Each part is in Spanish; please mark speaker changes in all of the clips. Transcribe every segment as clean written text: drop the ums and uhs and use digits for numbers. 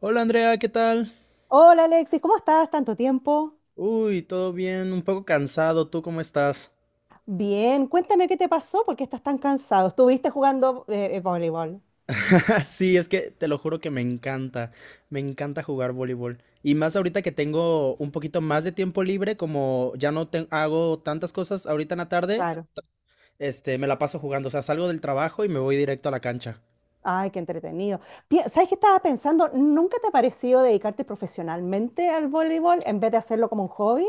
Speaker 1: Hola Andrea, ¿qué tal?
Speaker 2: Hola Alexis, ¿cómo estás? ¿Tanto tiempo?
Speaker 1: Uy, todo bien, un poco cansado, ¿tú cómo estás?
Speaker 2: Bien, cuéntame qué te pasó, porque estás tan cansado? ¿Estuviste jugando voleibol?
Speaker 1: Sí, es que te lo juro que me encanta jugar voleibol. Y más ahorita que tengo un poquito más de tiempo libre, como ya no te- hago tantas cosas ahorita en la tarde,
Speaker 2: Claro.
Speaker 1: este, me la paso jugando, o sea, salgo del trabajo y me voy directo a la cancha.
Speaker 2: Ay, qué entretenido. ¿Sabes qué estaba pensando? ¿Nunca te ha parecido dedicarte profesionalmente al voleibol en vez de hacerlo como un hobby?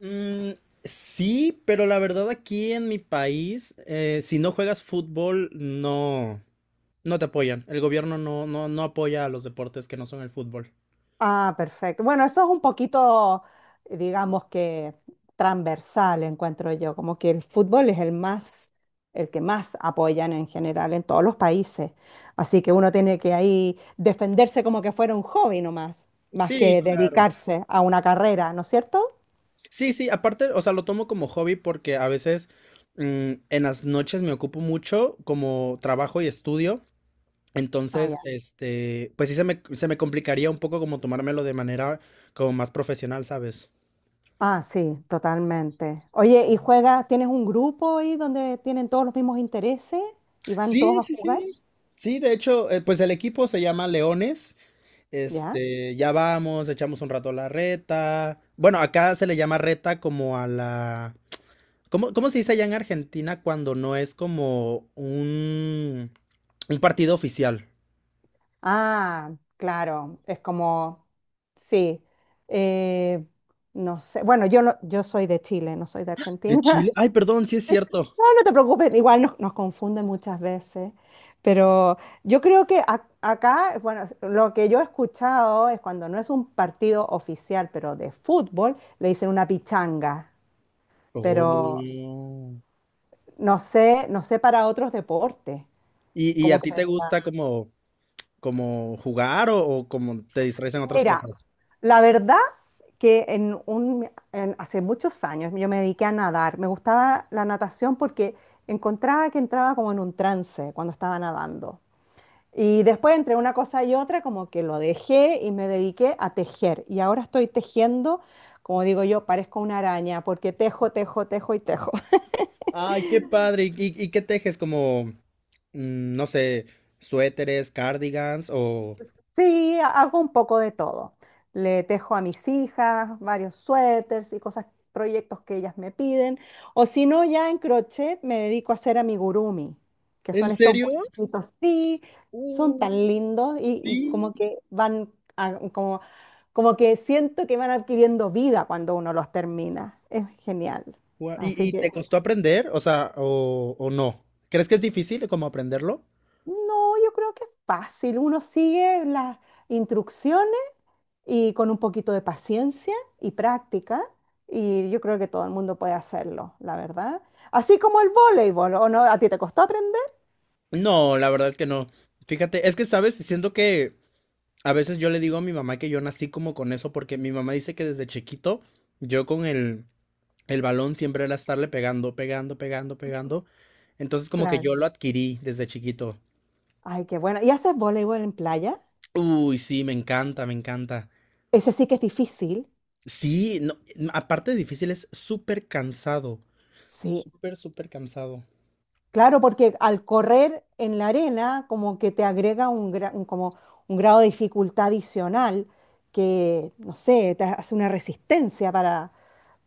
Speaker 1: Mm, sí, pero la verdad aquí en mi país, si no juegas fútbol, no, no te apoyan. El gobierno no apoya a los deportes que no son el fútbol.
Speaker 2: Ah, perfecto. Bueno, eso es un poquito, digamos que transversal, encuentro yo, como que el fútbol es el más, el que más apoyan en general en todos los países. Así que uno tiene que ahí defenderse como que fuera un hobby nomás, más
Speaker 1: Sí,
Speaker 2: que
Speaker 1: claro.
Speaker 2: dedicarse a una carrera, ¿no es cierto?
Speaker 1: Sí, sí, aparte, o sea, lo tomo como hobby porque a veces mm, en las noches me ocupo mucho como trabajo y estudio.
Speaker 2: Ah,
Speaker 1: Entonces,
Speaker 2: ya.
Speaker 1: ujú, este, pues sí se me complicaría un poco como tomármelo de manera como más profesional, ¿sabes?
Speaker 2: Ah, sí, totalmente. Oye, ¿y juegas? ¿Tienes un grupo ahí donde tienen todos los mismos intereses y van todos
Speaker 1: Sí,
Speaker 2: a
Speaker 1: sí,
Speaker 2: jugar?
Speaker 1: sí. Sí, de hecho, pues el equipo se llama Leones.
Speaker 2: ¿Ya?
Speaker 1: Este, ya vamos, echamos un rato la reta. Bueno, acá se le llama reta como a la... cómo se dice allá en Argentina cuando no es como un partido oficial?
Speaker 2: Ah, claro, es como, sí, eh, no sé, bueno, yo soy de Chile, no soy de
Speaker 1: De Chile.
Speaker 2: Argentina.
Speaker 1: Ay, perdón, sí es cierto.
Speaker 2: No, no te preocupes, igual nos confunden muchas veces, pero yo creo que acá, bueno, lo que yo he escuchado es cuando no es un partido oficial, pero de fútbol, le dicen una pichanga, pero
Speaker 1: Oh.
Speaker 2: no sé, no sé para otros deportes,
Speaker 1: Y a
Speaker 2: cómo
Speaker 1: ti
Speaker 2: se
Speaker 1: te gusta
Speaker 2: llama.
Speaker 1: como, como jugar o como te distraes en otras
Speaker 2: Mira,
Speaker 1: cosas?
Speaker 2: la verdad que en hace muchos años yo me dediqué a nadar. Me gustaba la natación porque encontraba que entraba como en un trance cuando estaba nadando. Y después entre una cosa y otra como que lo dejé y me dediqué a tejer. Y ahora estoy tejiendo, como digo yo, parezco una araña porque tejo, tejo, tejo y tejo.
Speaker 1: Ay, qué padre. ¿Y, y qué tejes? Como, mm, no sé, suéteres, cardigans o...
Speaker 2: Sí, hago un poco de todo. Le tejo a mis hijas varios suéteres y cosas, proyectos que ellas me piden. O si no, ya en crochet me dedico a hacer amigurumi, que
Speaker 1: ¿En
Speaker 2: son estos
Speaker 1: serio?
Speaker 2: muñequitos. Sí, son tan lindos y
Speaker 1: Sí.
Speaker 2: como que van, a- como, como que siento que van adquiriendo vida cuando uno los termina. Es genial. Así
Speaker 1: Y
Speaker 2: que,
Speaker 1: te costó aprender? O sea, o no. ¿Crees que es difícil como aprenderlo?
Speaker 2: no, yo creo que es fácil. Uno sigue las instrucciones y con un poquito de paciencia y práctica, y yo creo que todo el mundo puede hacerlo, la verdad. Así como el voleibol, ¿o no? ¿A ti te costó aprender?
Speaker 1: No, la verdad es que no. Fíjate, es que, ¿sabes? Siento que a veces yo le digo a mi mamá que yo nací como con eso, porque mi mamá dice que desde chiquito yo con el balón siempre era estarle pegando, pegando, pegando, pegando. Entonces como que
Speaker 2: Claro.
Speaker 1: yo lo adquirí desde chiquito.
Speaker 2: Ay, qué bueno. ¿Y haces voleibol en playa?
Speaker 1: Uy, sí, me encanta, me encanta.
Speaker 2: Ese sí que es difícil.
Speaker 1: Sí, no, aparte de difícil, es súper cansado.
Speaker 2: Sí,
Speaker 1: Súper, súper cansado.
Speaker 2: claro, porque al correr en la arena como que te agrega como un grado de dificultad adicional que, no sé, te hace una resistencia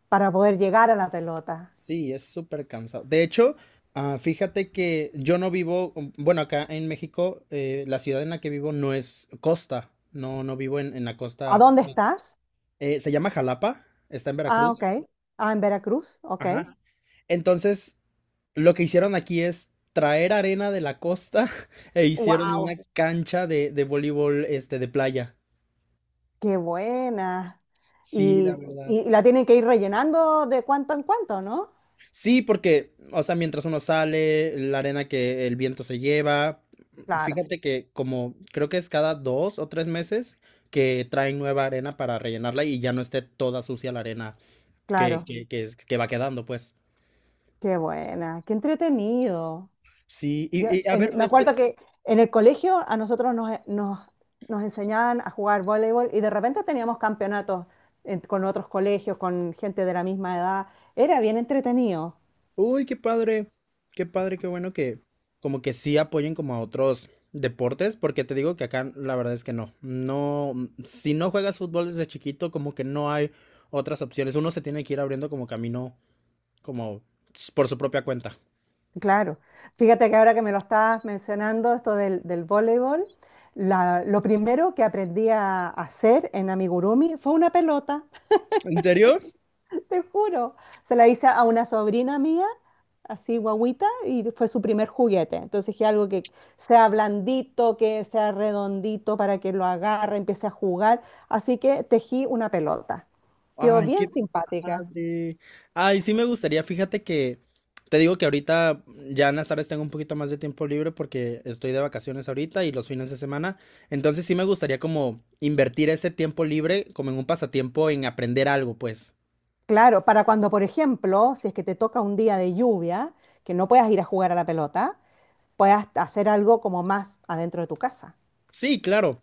Speaker 2: para poder llegar a la pelota.
Speaker 1: Sí, es súper cansado. De hecho, ah, fíjate que yo no vivo, bueno, acá en México, la ciudad en la que vivo no es costa, no, no vivo en la
Speaker 2: ¿A
Speaker 1: costa,
Speaker 2: dónde claro estás?
Speaker 1: se llama Jalapa, está en
Speaker 2: Ah,
Speaker 1: Veracruz.
Speaker 2: ok. Ah, en Veracruz, ok.
Speaker 1: Ajá. Entonces, lo que hicieron aquí es traer arena de la costa e hicieron una
Speaker 2: Wow,
Speaker 1: cancha de voleibol, este, de playa.
Speaker 2: qué buena.
Speaker 1: Sí, la
Speaker 2: Y,
Speaker 1: verdad.
Speaker 2: y la tienen que ir rellenando de cuanto en cuanto, ¿no?
Speaker 1: Sí, porque, o sea, mientras uno sale, la arena que el viento se lleva,
Speaker 2: Claro,
Speaker 1: fíjate que como creo que es cada dos o tres meses que traen nueva arena para rellenarla y ya no esté toda sucia la arena que,
Speaker 2: claro.
Speaker 1: que va quedando, pues.
Speaker 2: Qué buena, qué entretenido.
Speaker 1: Sí, y a ver,
Speaker 2: Me
Speaker 1: este,
Speaker 2: acuerdo que en el colegio a nosotros nos enseñaban a jugar voleibol y de repente teníamos campeonatos con otros colegios, con gente de la misma edad. Era bien entretenido.
Speaker 1: uy, qué padre, qué padre, qué bueno que como que sí apoyen como a otros deportes, porque te digo que acá la verdad es que no, no, mm, si no juegas fútbol desde chiquito, como que no hay otras opciones, uno se tiene que ir abriendo como camino como por su propia cuenta.
Speaker 2: Claro, fíjate que ahora que me lo estás mencionando, esto del voleibol, lo primero que aprendí a hacer en amigurumi fue una pelota,
Speaker 1: ¿En serio?
Speaker 2: te juro. Se la hice a una sobrina mía, así guagüita, y fue su primer juguete. Entonces dije algo que sea blandito, que sea redondito para que lo agarre, empiece a jugar. Así que tejí una pelota. Quedó
Speaker 1: Ay, qué
Speaker 2: bien simpática.
Speaker 1: padre. Ay, sí me gustaría, fíjate que te digo que ahorita ya en las tardes tengo un poquito más de tiempo libre porque estoy de vacaciones ahorita y los fines de semana. Entonces sí me gustaría como invertir ese tiempo libre como en un pasatiempo en aprender algo, pues.
Speaker 2: Claro, para cuando, por ejemplo, si es que te toca un día de lluvia, que no puedas ir a jugar a la pelota, puedas hacer algo como más adentro de tu casa.
Speaker 1: Sí, claro.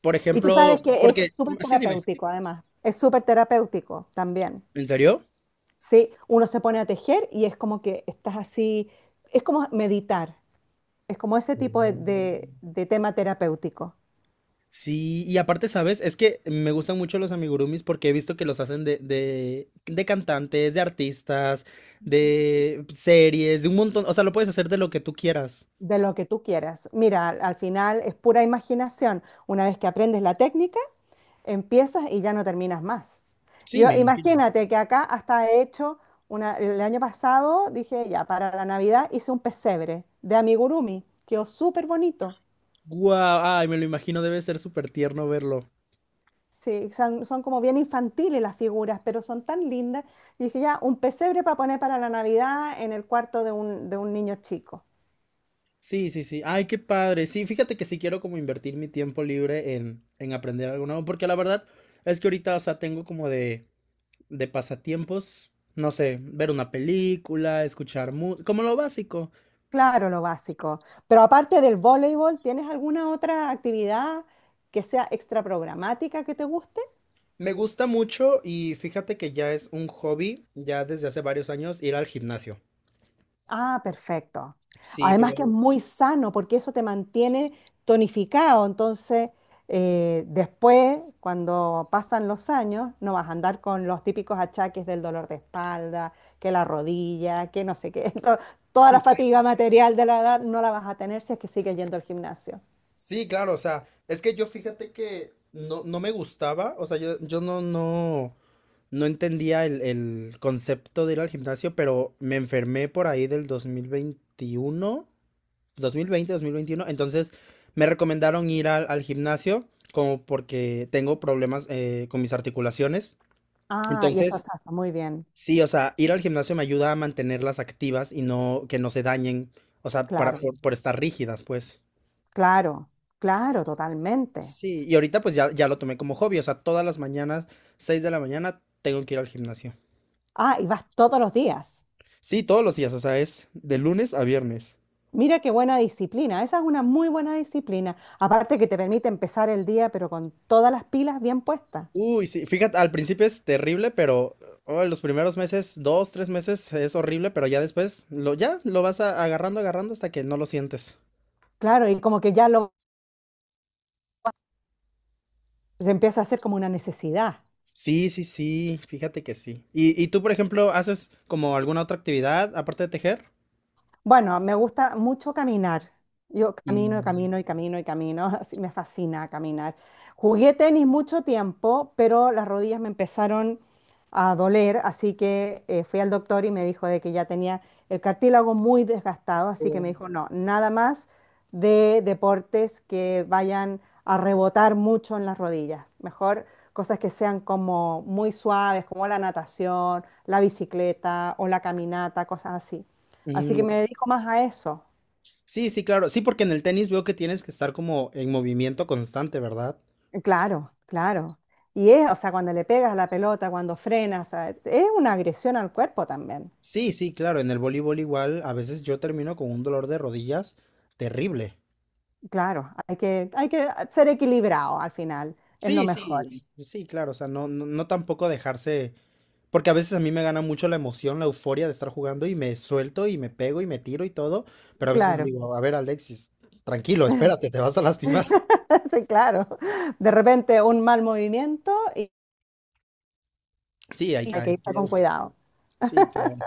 Speaker 1: Por
Speaker 2: Y tú
Speaker 1: ejemplo,
Speaker 2: sabes que
Speaker 1: porque...
Speaker 2: es
Speaker 1: mm,
Speaker 2: súper
Speaker 1: sí, dime.
Speaker 2: terapéutico, además, es súper terapéutico también.
Speaker 1: ¿En serio?
Speaker 2: Sí, uno se pone a tejer y es como que estás así, es como meditar, es como ese tipo de tema terapéutico,
Speaker 1: Sí, y aparte, ¿sabes? Es que me gustan mucho los amigurumis porque he visto que los hacen de, de cantantes, de artistas, de series, de un montón. O sea, lo puedes hacer de lo que tú quieras.
Speaker 2: de lo que tú quieras. Mira, al final es pura imaginación. Una vez que aprendes la técnica, empiezas y ya no terminas más.
Speaker 1: Sí, me
Speaker 2: Yo
Speaker 1: imagino.
Speaker 2: imagínate que acá hasta he hecho una, el año pasado dije ya para la Navidad hice un pesebre de amigurumi, quedó súper bonito.
Speaker 1: Guau, ay, me lo imagino, debe ser súper tierno verlo.
Speaker 2: Sí, son, son como bien infantiles las figuras, pero son tan lindas. Y dije ya un pesebre para poner para la Navidad en el cuarto de de un niño chico.
Speaker 1: Sí, sí, sí. Ay, qué padre. Sí, fíjate que sí quiero como invertir mi tiempo libre en aprender algo nuevo, porque la verdad es que ahorita, o sea, tengo como de pasatiempos, no sé, ver una película, escuchar música, como lo básico.
Speaker 2: Claro, lo básico. Pero aparte del voleibol, ¿tienes alguna otra actividad que sea extra programática que te guste?
Speaker 1: Me gusta mucho y fíjate que ya es un hobby, ya desde hace varios años, ir al gimnasio.
Speaker 2: Ah, perfecto.
Speaker 1: Sí,
Speaker 2: Además que es
Speaker 1: pero...
Speaker 2: muy sano porque eso te mantiene tonificado. Entonces, después, cuando pasan los años, no vas a andar con los típicos achaques del dolor de espalda, que la rodilla, que no sé qué. Toda la fatiga material de la edad no la vas a tener si es que sigues yendo al gimnasio.
Speaker 1: Sí, claro, o sea, es que yo fíjate que no, no me gustaba, o sea, yo no, no entendía el concepto de ir al gimnasio, pero me enfermé por ahí del 2021, 2020, 2021, entonces me recomendaron ir al, al gimnasio como porque tengo problemas con mis articulaciones.
Speaker 2: Ah, y eso
Speaker 1: Entonces,
Speaker 2: está muy bien.
Speaker 1: sí, o sea, ir al gimnasio me ayuda a mantenerlas activas y no que no se dañen, o sea, para
Speaker 2: Claro,
Speaker 1: por estar rígidas, pues.
Speaker 2: claro, claro, totalmente.
Speaker 1: Sí, y ahorita pues ya, ya lo tomé como hobby, o sea, todas las mañanas, 6 de la mañana, tengo que ir al gimnasio.
Speaker 2: Ah, y vas todos los días.
Speaker 1: Sí, todos los días, o sea, es de lunes a viernes.
Speaker 2: Mira qué buena disciplina, esa es una muy buena disciplina. Aparte que te permite empezar el día, pero con todas las pilas bien puestas.
Speaker 1: Uy, sí, fíjate, al principio es terrible, pero oh, los primeros meses, dos, tres meses es horrible, pero ya después lo, ya lo agarrando, agarrando hasta que no lo sientes.
Speaker 2: Claro, y como que ya lo se empieza a hacer como una necesidad.
Speaker 1: Sí, sí, sí, fíjate que sí. Y tú, por ejemplo, haces como alguna otra actividad aparte de tejer?
Speaker 2: Bueno, me gusta mucho caminar. Yo camino y
Speaker 1: Y
Speaker 2: camino y camino y camino. Así me fascina caminar. Jugué tenis mucho tiempo, pero las rodillas me empezaron a doler, así que fui al doctor y me dijo de que ya tenía el cartílago muy desgastado, así que me
Speaker 1: oh,
Speaker 2: dijo, no, nada más de deportes que vayan a rebotar mucho en las rodillas. Mejor cosas que sean como muy suaves, como la natación, la bicicleta o la caminata, cosas así. Así
Speaker 1: mm,
Speaker 2: que me
Speaker 1: ok.
Speaker 2: dedico más a eso.
Speaker 1: Sí, sí, claro. Sí, porque en el tenis veo que tienes que estar como en movimiento constante, ¿verdad?
Speaker 2: Claro, claro. Y es, o sea, cuando le pegas a la pelota, cuando frenas, o sea, es una agresión al cuerpo también.
Speaker 1: Sí, sí, claro. En el voleibol igual, a veces yo termino con un dolor de rodillas terrible.
Speaker 2: Claro, hay que ser equilibrado al final, es lo
Speaker 1: Sí,
Speaker 2: mejor.
Speaker 1: sí, sí, claro. O sea, no, no, no tampoco dejarse. Porque a veces a mí me gana mucho la emoción, la euforia de estar jugando y me suelto y me pego y me tiro y todo, pero a veces me
Speaker 2: Claro,
Speaker 1: digo, a ver, Alexis, tranquilo, espérate, te vas a lastimar.
Speaker 2: sí, claro. De repente un mal movimiento y
Speaker 1: Sí,
Speaker 2: hay que irse con cuidado.
Speaker 1: Sí, claro.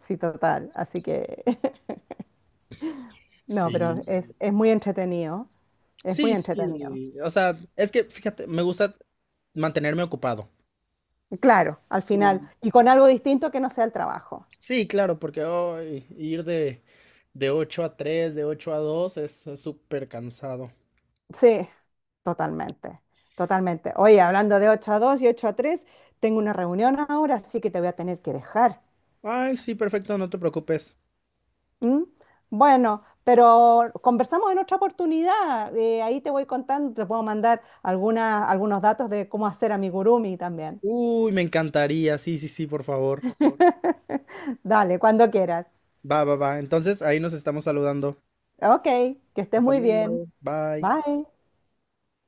Speaker 2: Sí, total. Así que, no, pero
Speaker 1: Sí.
Speaker 2: es muy entretenido, es muy
Speaker 1: Sí,
Speaker 2: entretenido.
Speaker 1: sí. O sea, es que fíjate, me gusta mantenerme ocupado.
Speaker 2: Claro, al final,
Speaker 1: Sí.
Speaker 2: y con algo distinto que no sea el trabajo.
Speaker 1: Sí, claro, porque ay, ir de 8 a 3 de 8 a 2 es súper cansado.
Speaker 2: Sí, totalmente, totalmente. Oye, hablando de 8 a 2 y 8 a 3, tengo una reunión ahora, así que te voy a tener que dejar.
Speaker 1: Ay, sí, perfecto, no te preocupes.
Speaker 2: ¿M? Bueno, pero conversamos en otra oportunidad. Ahí te voy contando, te puedo mandar algunos datos de cómo hacer amigurumi también.
Speaker 1: Uy, me encantaría. Sí, sí, sí, por favor.
Speaker 2: Dale, cuando quieras.
Speaker 1: Va, va, va. Entonces ahí nos estamos saludando.
Speaker 2: Ok, que estés
Speaker 1: Hasta
Speaker 2: muy bien.
Speaker 1: luego. Bye.
Speaker 2: Bye.